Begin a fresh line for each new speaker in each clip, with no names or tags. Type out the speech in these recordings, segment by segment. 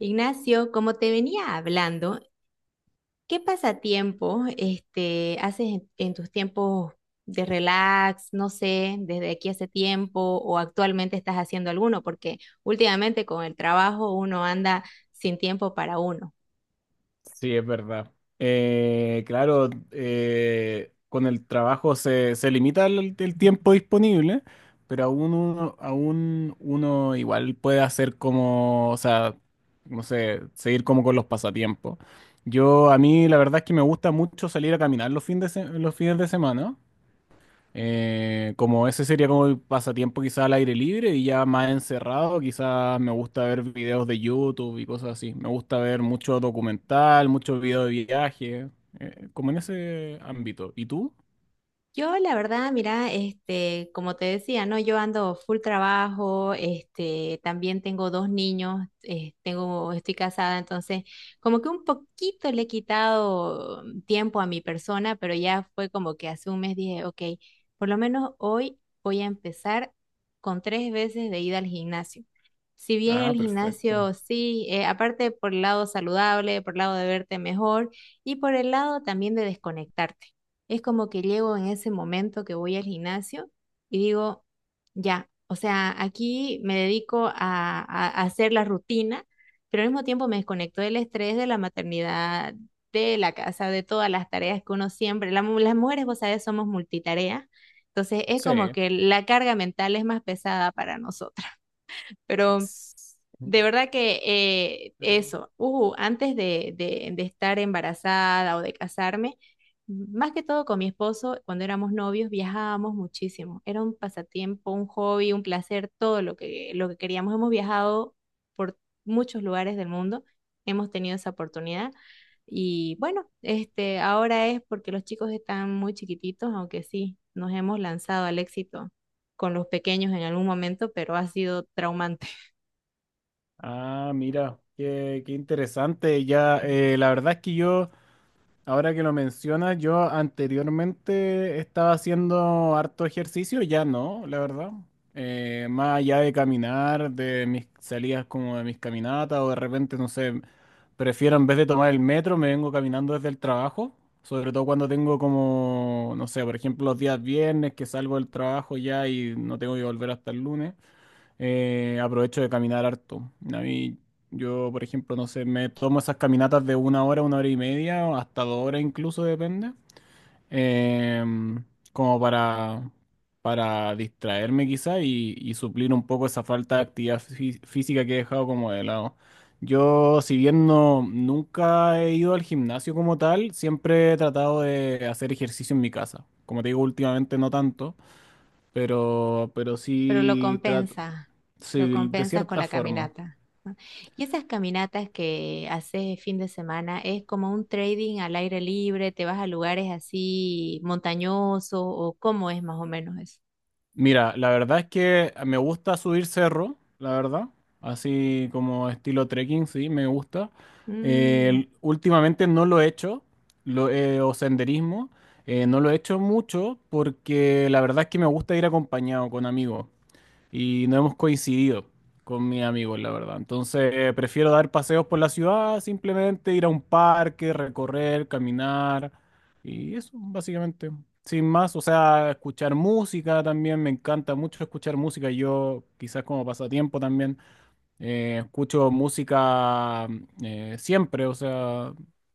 Ignacio, como te venía hablando, ¿qué pasatiempos haces en tus tiempos de relax? No sé, desde aquí hace tiempo o actualmente estás haciendo alguno, porque últimamente con el trabajo uno anda sin tiempo para uno.
Sí, es verdad. Claro, con el trabajo se limita el tiempo disponible, pero aún uno igual puede hacer como, o sea, no sé, seguir como con los pasatiempos. Yo, a mí la verdad es que me gusta mucho salir a caminar los fines de semana. Como ese sería como el pasatiempo quizá al aire libre y ya más encerrado, quizás me gusta ver videos de YouTube y cosas así. Me gusta ver mucho documental, muchos videos de viaje, como en ese ámbito. ¿Y tú?
Yo, la verdad, mira, este, como te decía, ¿no? Yo ando full trabajo, este, también tengo dos niños, tengo, estoy casada, entonces como que un poquito le he quitado tiempo a mi persona, pero ya fue como que hace un mes dije, ok, por lo menos hoy voy a empezar con tres veces de ida al gimnasio. Si bien el
Ah, perfecto.
gimnasio sí, aparte por el lado saludable, por el lado de verte mejor y por el lado también de desconectarte. Es como que llego en ese momento que voy al gimnasio y digo, ya, o sea, aquí me dedico a hacer la rutina, pero al mismo tiempo me desconecto del estrés de la maternidad, de la casa, de todas las tareas que uno siempre, las mujeres, vos sabés, somos multitareas. Entonces es como
Sí.
que la carga mental es más pesada para nosotras. Pero
Tss.
de verdad que eso, antes de estar embarazada o de casarme, más que todo con mi esposo, cuando éramos novios, viajábamos muchísimo. Era un pasatiempo, un hobby, un placer, todo lo que queríamos. Hemos viajado por muchos lugares del mundo, hemos tenido esa oportunidad. Y bueno, este, ahora es porque los chicos están muy chiquititos, aunque sí, nos hemos lanzado al éxito con los pequeños en algún momento, pero ha sido traumante.
Ah, mira, qué, qué interesante. Ya, la verdad es que yo... Ahora que lo mencionas, yo anteriormente estaba haciendo harto ejercicio, ya no, la verdad. Más allá de caminar, de mis salidas como de mis caminatas, o de repente, no sé, prefiero en vez de tomar el metro, me vengo caminando desde el trabajo, sobre todo cuando tengo como, no sé, por ejemplo, los días viernes que salgo del trabajo ya y no tengo que volver hasta el lunes, aprovecho de caminar harto. A mí, yo, por ejemplo, no sé, me tomo esas caminatas de una hora y media, o hasta dos horas incluso, depende, em, como para distraerme quizá y suplir un poco esa falta de actividad física que he dejado como de lado. Yo, si bien no, nunca he ido al gimnasio como tal, siempre he tratado de hacer ejercicio en mi casa. Como te digo, últimamente no tanto. Pero
Pero lo
sí trato,
compensa, lo
sí, de
compensas con
cierta
la
forma.
caminata. ¿No? Y esas caminatas que haces fin de semana es como un trading al aire libre, te vas a lugares así montañosos o cómo es más o menos eso.
Mira, la verdad es que me gusta subir cerro, la verdad. Así como estilo trekking, sí, me gusta.
Mm.
Últimamente no lo he hecho, o senderismo. No lo he hecho mucho porque la verdad es que me gusta ir acompañado con amigos y no hemos coincidido con mis amigos, la verdad. Entonces, prefiero dar paseos por la ciudad, simplemente ir a un parque, recorrer, caminar y eso, básicamente. Sin más, o sea, escuchar música también, me encanta mucho escuchar música, yo quizás como pasatiempo también. Escucho música siempre, o sea,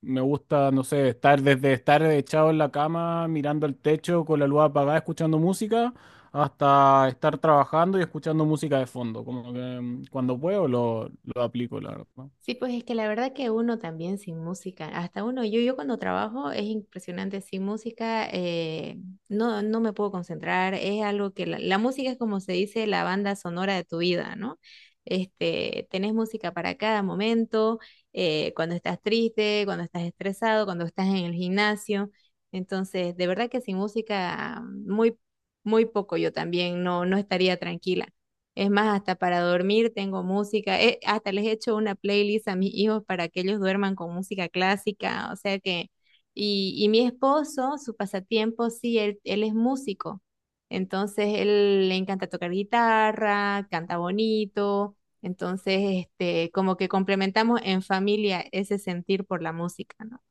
me gusta, no sé, estar desde estar echado en la cama, mirando el techo con la luz apagada, escuchando música, hasta estar trabajando y escuchando música de fondo. Como que mm, cuando puedo lo aplico, la verdad.
Sí, pues es que la verdad que uno también sin música, hasta uno, yo cuando trabajo es impresionante, sin música no, no me puedo concentrar, es algo que la música es como se dice la banda sonora de tu vida, ¿no? Este, tenés música para cada momento, cuando estás triste, cuando estás estresado, cuando estás en el gimnasio, entonces de verdad que sin música muy, muy poco yo también no, no estaría tranquila. Es más, hasta para dormir tengo música. Hasta les he hecho una playlist a mis hijos para que ellos duerman con música clásica. O sea que, y mi esposo, su pasatiempo, sí, él es músico. Entonces, él le encanta tocar guitarra, canta bonito. Entonces, este, como que complementamos en familia ese sentir por la música, ¿no?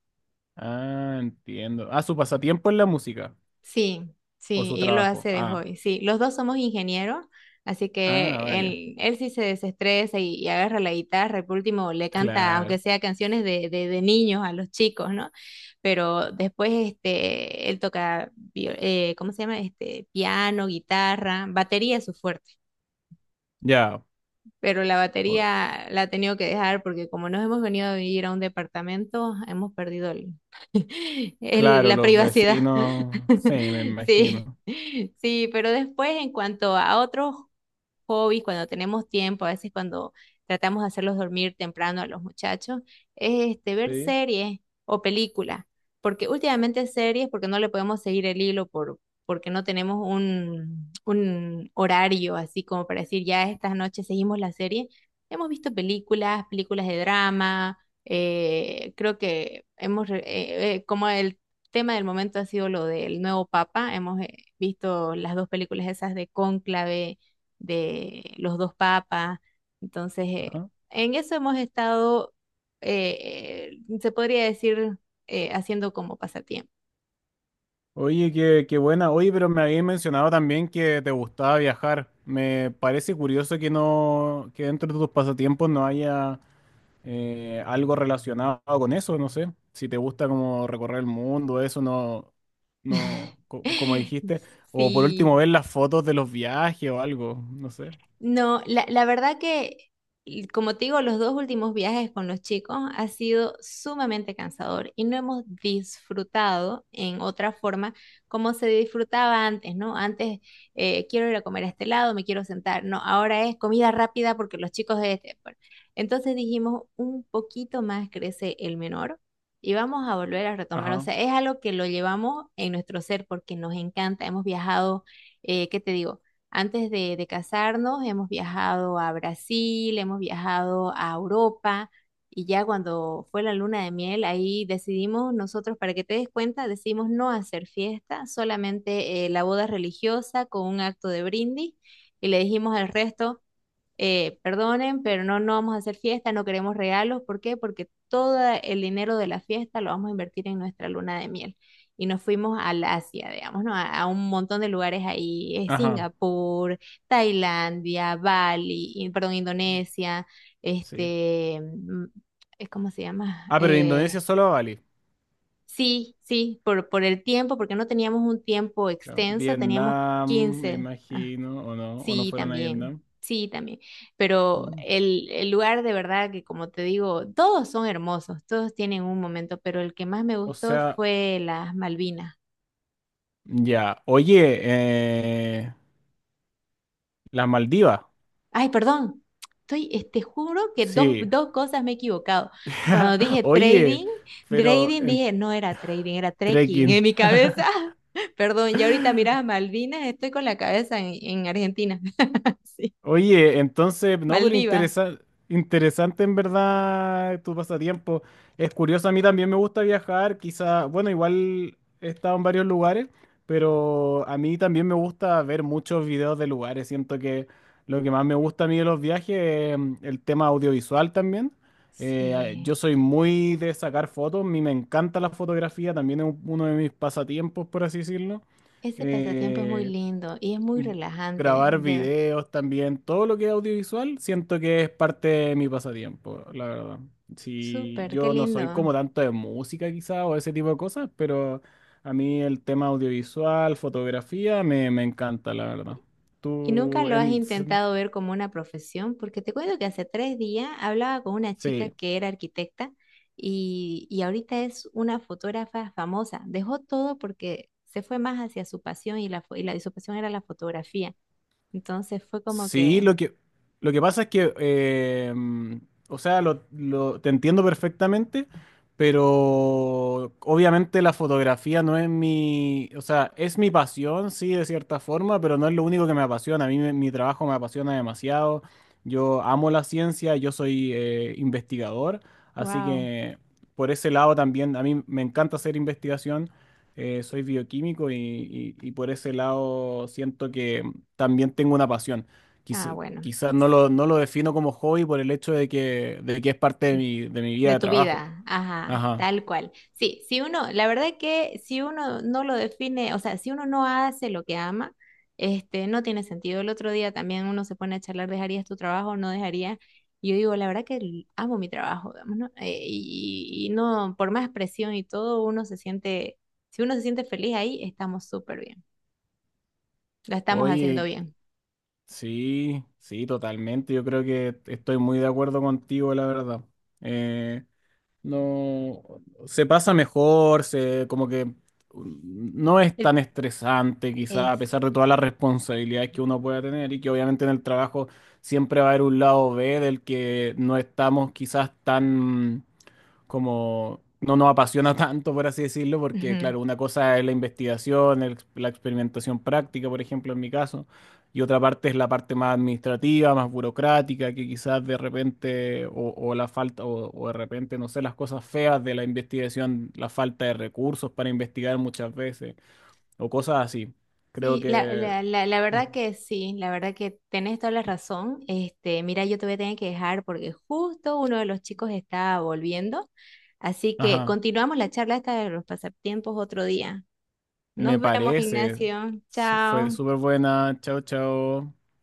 Ah, entiendo. Ah, ¿su pasatiempo es la música
Sí,
o
sí,
su
y él lo hace
trabajo?
de
Ah,
hobby. Sí, los dos somos ingenieros, así que
ah, vale.
él sí se desestresa y agarra la guitarra y por último le canta, aunque
Claro.
sea canciones de niños a los chicos, ¿no? Pero después este, él toca, ¿cómo se llama? Este, piano, guitarra, batería es su fuerte,
Ya,
pero la
o-
batería la he tenido que dejar porque como nos hemos venido a vivir a un departamento, hemos perdido
claro,
la
los
privacidad.
vecinos, sí, me
Sí,
imagino.
sí, pero después en cuanto a otros hobbies, cuando tenemos tiempo, a veces cuando tratamos de hacerlos dormir temprano a los muchachos, es este, ver
Sí.
series o películas, porque últimamente series, porque no le podemos seguir el hilo porque no tenemos un horario así como para decir, ya estas noches seguimos la serie. Hemos visto películas, películas de drama, creo que hemos, como el tema del momento ha sido lo del nuevo papa, hemos visto las dos películas esas de Cónclave de los dos papas. Entonces,
¿No?
en eso hemos estado, se podría decir, haciendo como pasatiempo.
Oye, qué, qué buena. Oye, pero me habías mencionado también que te gustaba viajar. Me parece curioso que no, que dentro de tus pasatiempos no haya algo relacionado con eso, no sé. Si te gusta como recorrer el mundo, eso no, no, como dijiste. O por último,
Sí,
ver las fotos de los viajes o algo, no sé.
no, la verdad que, y como te digo, los dos últimos viajes con los chicos ha sido sumamente cansador y no hemos disfrutado en otra forma como se disfrutaba antes, ¿no? Antes quiero ir a comer a este lado, me quiero sentar, no, ahora es comida rápida porque los chicos de este. Bueno. Entonces dijimos, un poquito más crece el menor y vamos a volver a retomar. O
Ajá,
sea, es algo que lo llevamos en nuestro ser porque nos encanta, hemos viajado, ¿qué te digo? Antes de casarnos hemos viajado a Brasil, hemos viajado a Europa y ya cuando fue la luna de miel, ahí decidimos nosotros, para que te des cuenta, decidimos no hacer fiesta, solamente la boda religiosa con un acto de brindis y le dijimos al resto, perdonen, pero no, no vamos a hacer fiesta, no queremos regalos. ¿Por qué? Porque todo el dinero de la fiesta lo vamos a invertir en nuestra luna de miel. Y nos fuimos al Asia, digamos, ¿no? A un montón de lugares ahí,
ajá,
Singapur, Tailandia, Bali, perdón, Indonesia,
sí.
este, ¿cómo se llama?
Ah, pero en Indonesia solo Bali.
Sí, sí, por el tiempo, porque no teníamos un tiempo
Claro.
extenso, teníamos
Vietnam, me
15.
imagino, o no
Sí,
fueron a
también,
Vietnam.
sí, también. Pero
Mm.
el lugar de verdad que, como te digo, todos son hermosos, todos tienen un momento, pero el que más me
O
gustó
sea,
fue las Malvinas.
ya, oye, eh, las Maldivas,
Ay, perdón, estoy, te juro que
sí.
dos cosas me he equivocado. Cuando dije
Oye,
trading,
pero
trading
en
dije, no era trading, era trekking
trekking.
en mi cabeza. Perdón, y ahorita miras a Malvinas, estoy con la cabeza en Argentina. Sí,
Oye, entonces, no, pero
Maldivas.
interesante en verdad tu pasatiempo. Es curioso, a mí también me gusta viajar, quizá, bueno, igual he estado en varios lugares, pero a mí también me gusta ver muchos videos de lugares. Siento que lo que más me gusta a mí de los viajes es mm, el tema audiovisual también. Yo
Sí.
soy muy de sacar fotos, a mí me encanta la fotografía, también es uno de mis pasatiempos, por así decirlo.
Ese pasatiempo es muy
Eh,
lindo y es muy relajante,
Grabar videos también, todo lo que es audiovisual, siento que es parte de mi pasatiempo, la verdad. Si
súper, qué
yo no soy como
lindo.
tanto de música quizá o ese tipo de cosas, pero a mí el tema audiovisual, fotografía, me encanta, la verdad.
¿Y nunca
Tú,
lo has
en,
intentado ver como una profesión? Porque te cuento que hace tres días hablaba con una chica
sí,
que era arquitecta y ahorita es una fotógrafa famosa. Dejó todo porque se fue más hacia su pasión y, la, fo- y, la, y su pasión era la fotografía. Entonces fue como
sí,
que,
lo que pasa es que, o sea, te entiendo perfectamente, pero obviamente la fotografía no es mi, o sea, es mi pasión, sí, de cierta forma, pero no es lo único que me apasiona. Mi trabajo me apasiona demasiado. Yo amo la ciencia, yo soy investigador, así
wow,
que por ese lado también a mí me encanta hacer investigación. Soy bioquímico y por ese lado siento que también tengo una pasión.
ah, bueno.
Quizás no lo defino como hobby por el hecho de que es parte
De
de mi vida
de
de
tu
trabajo.
vida, ajá,
Ajá.
tal cual. Sí, si uno, la verdad que si uno no lo define, o sea, si uno no hace lo que ama, este, no tiene sentido. El otro día también uno se pone a charlar, ¿dejarías tu trabajo? ¿No dejarías? Y yo digo, la verdad que amo mi trabajo, digamos, ¿no? Y no, por más presión y todo, uno se siente, si uno se siente feliz ahí, estamos súper bien, la estamos haciendo
Oye,
bien.
sí, sí, totalmente. Yo creo que estoy muy de acuerdo contigo, la verdad. Eh, No, se pasa mejor, se como que no es
El-
tan estresante quizá, a
Es.
pesar de todas las responsabilidades que uno pueda tener y que obviamente en el trabajo siempre va a haber un lado B del que no estamos quizás tan como no nos apasiona tanto, por así decirlo, porque
Ujú.
claro, una cosa es la investigación, la experimentación práctica, por ejemplo, en mi caso y otra parte es la parte más administrativa, más burocrática, que quizás de repente, o la falta, o de repente, no sé, las cosas feas de la investigación, la falta de recursos para investigar muchas veces, o cosas así. Creo
Sí,
que,
la verdad que sí, la verdad que tenés toda la razón. Este, mira, yo te voy a tener que dejar porque justo uno de los chicos está volviendo. Así que
ajá,
continuamos la charla esta de los pasatiempos otro día.
me
Nos vemos,
parece.
Ignacio.
Fue
Chao.
súper buena. Chao, chao.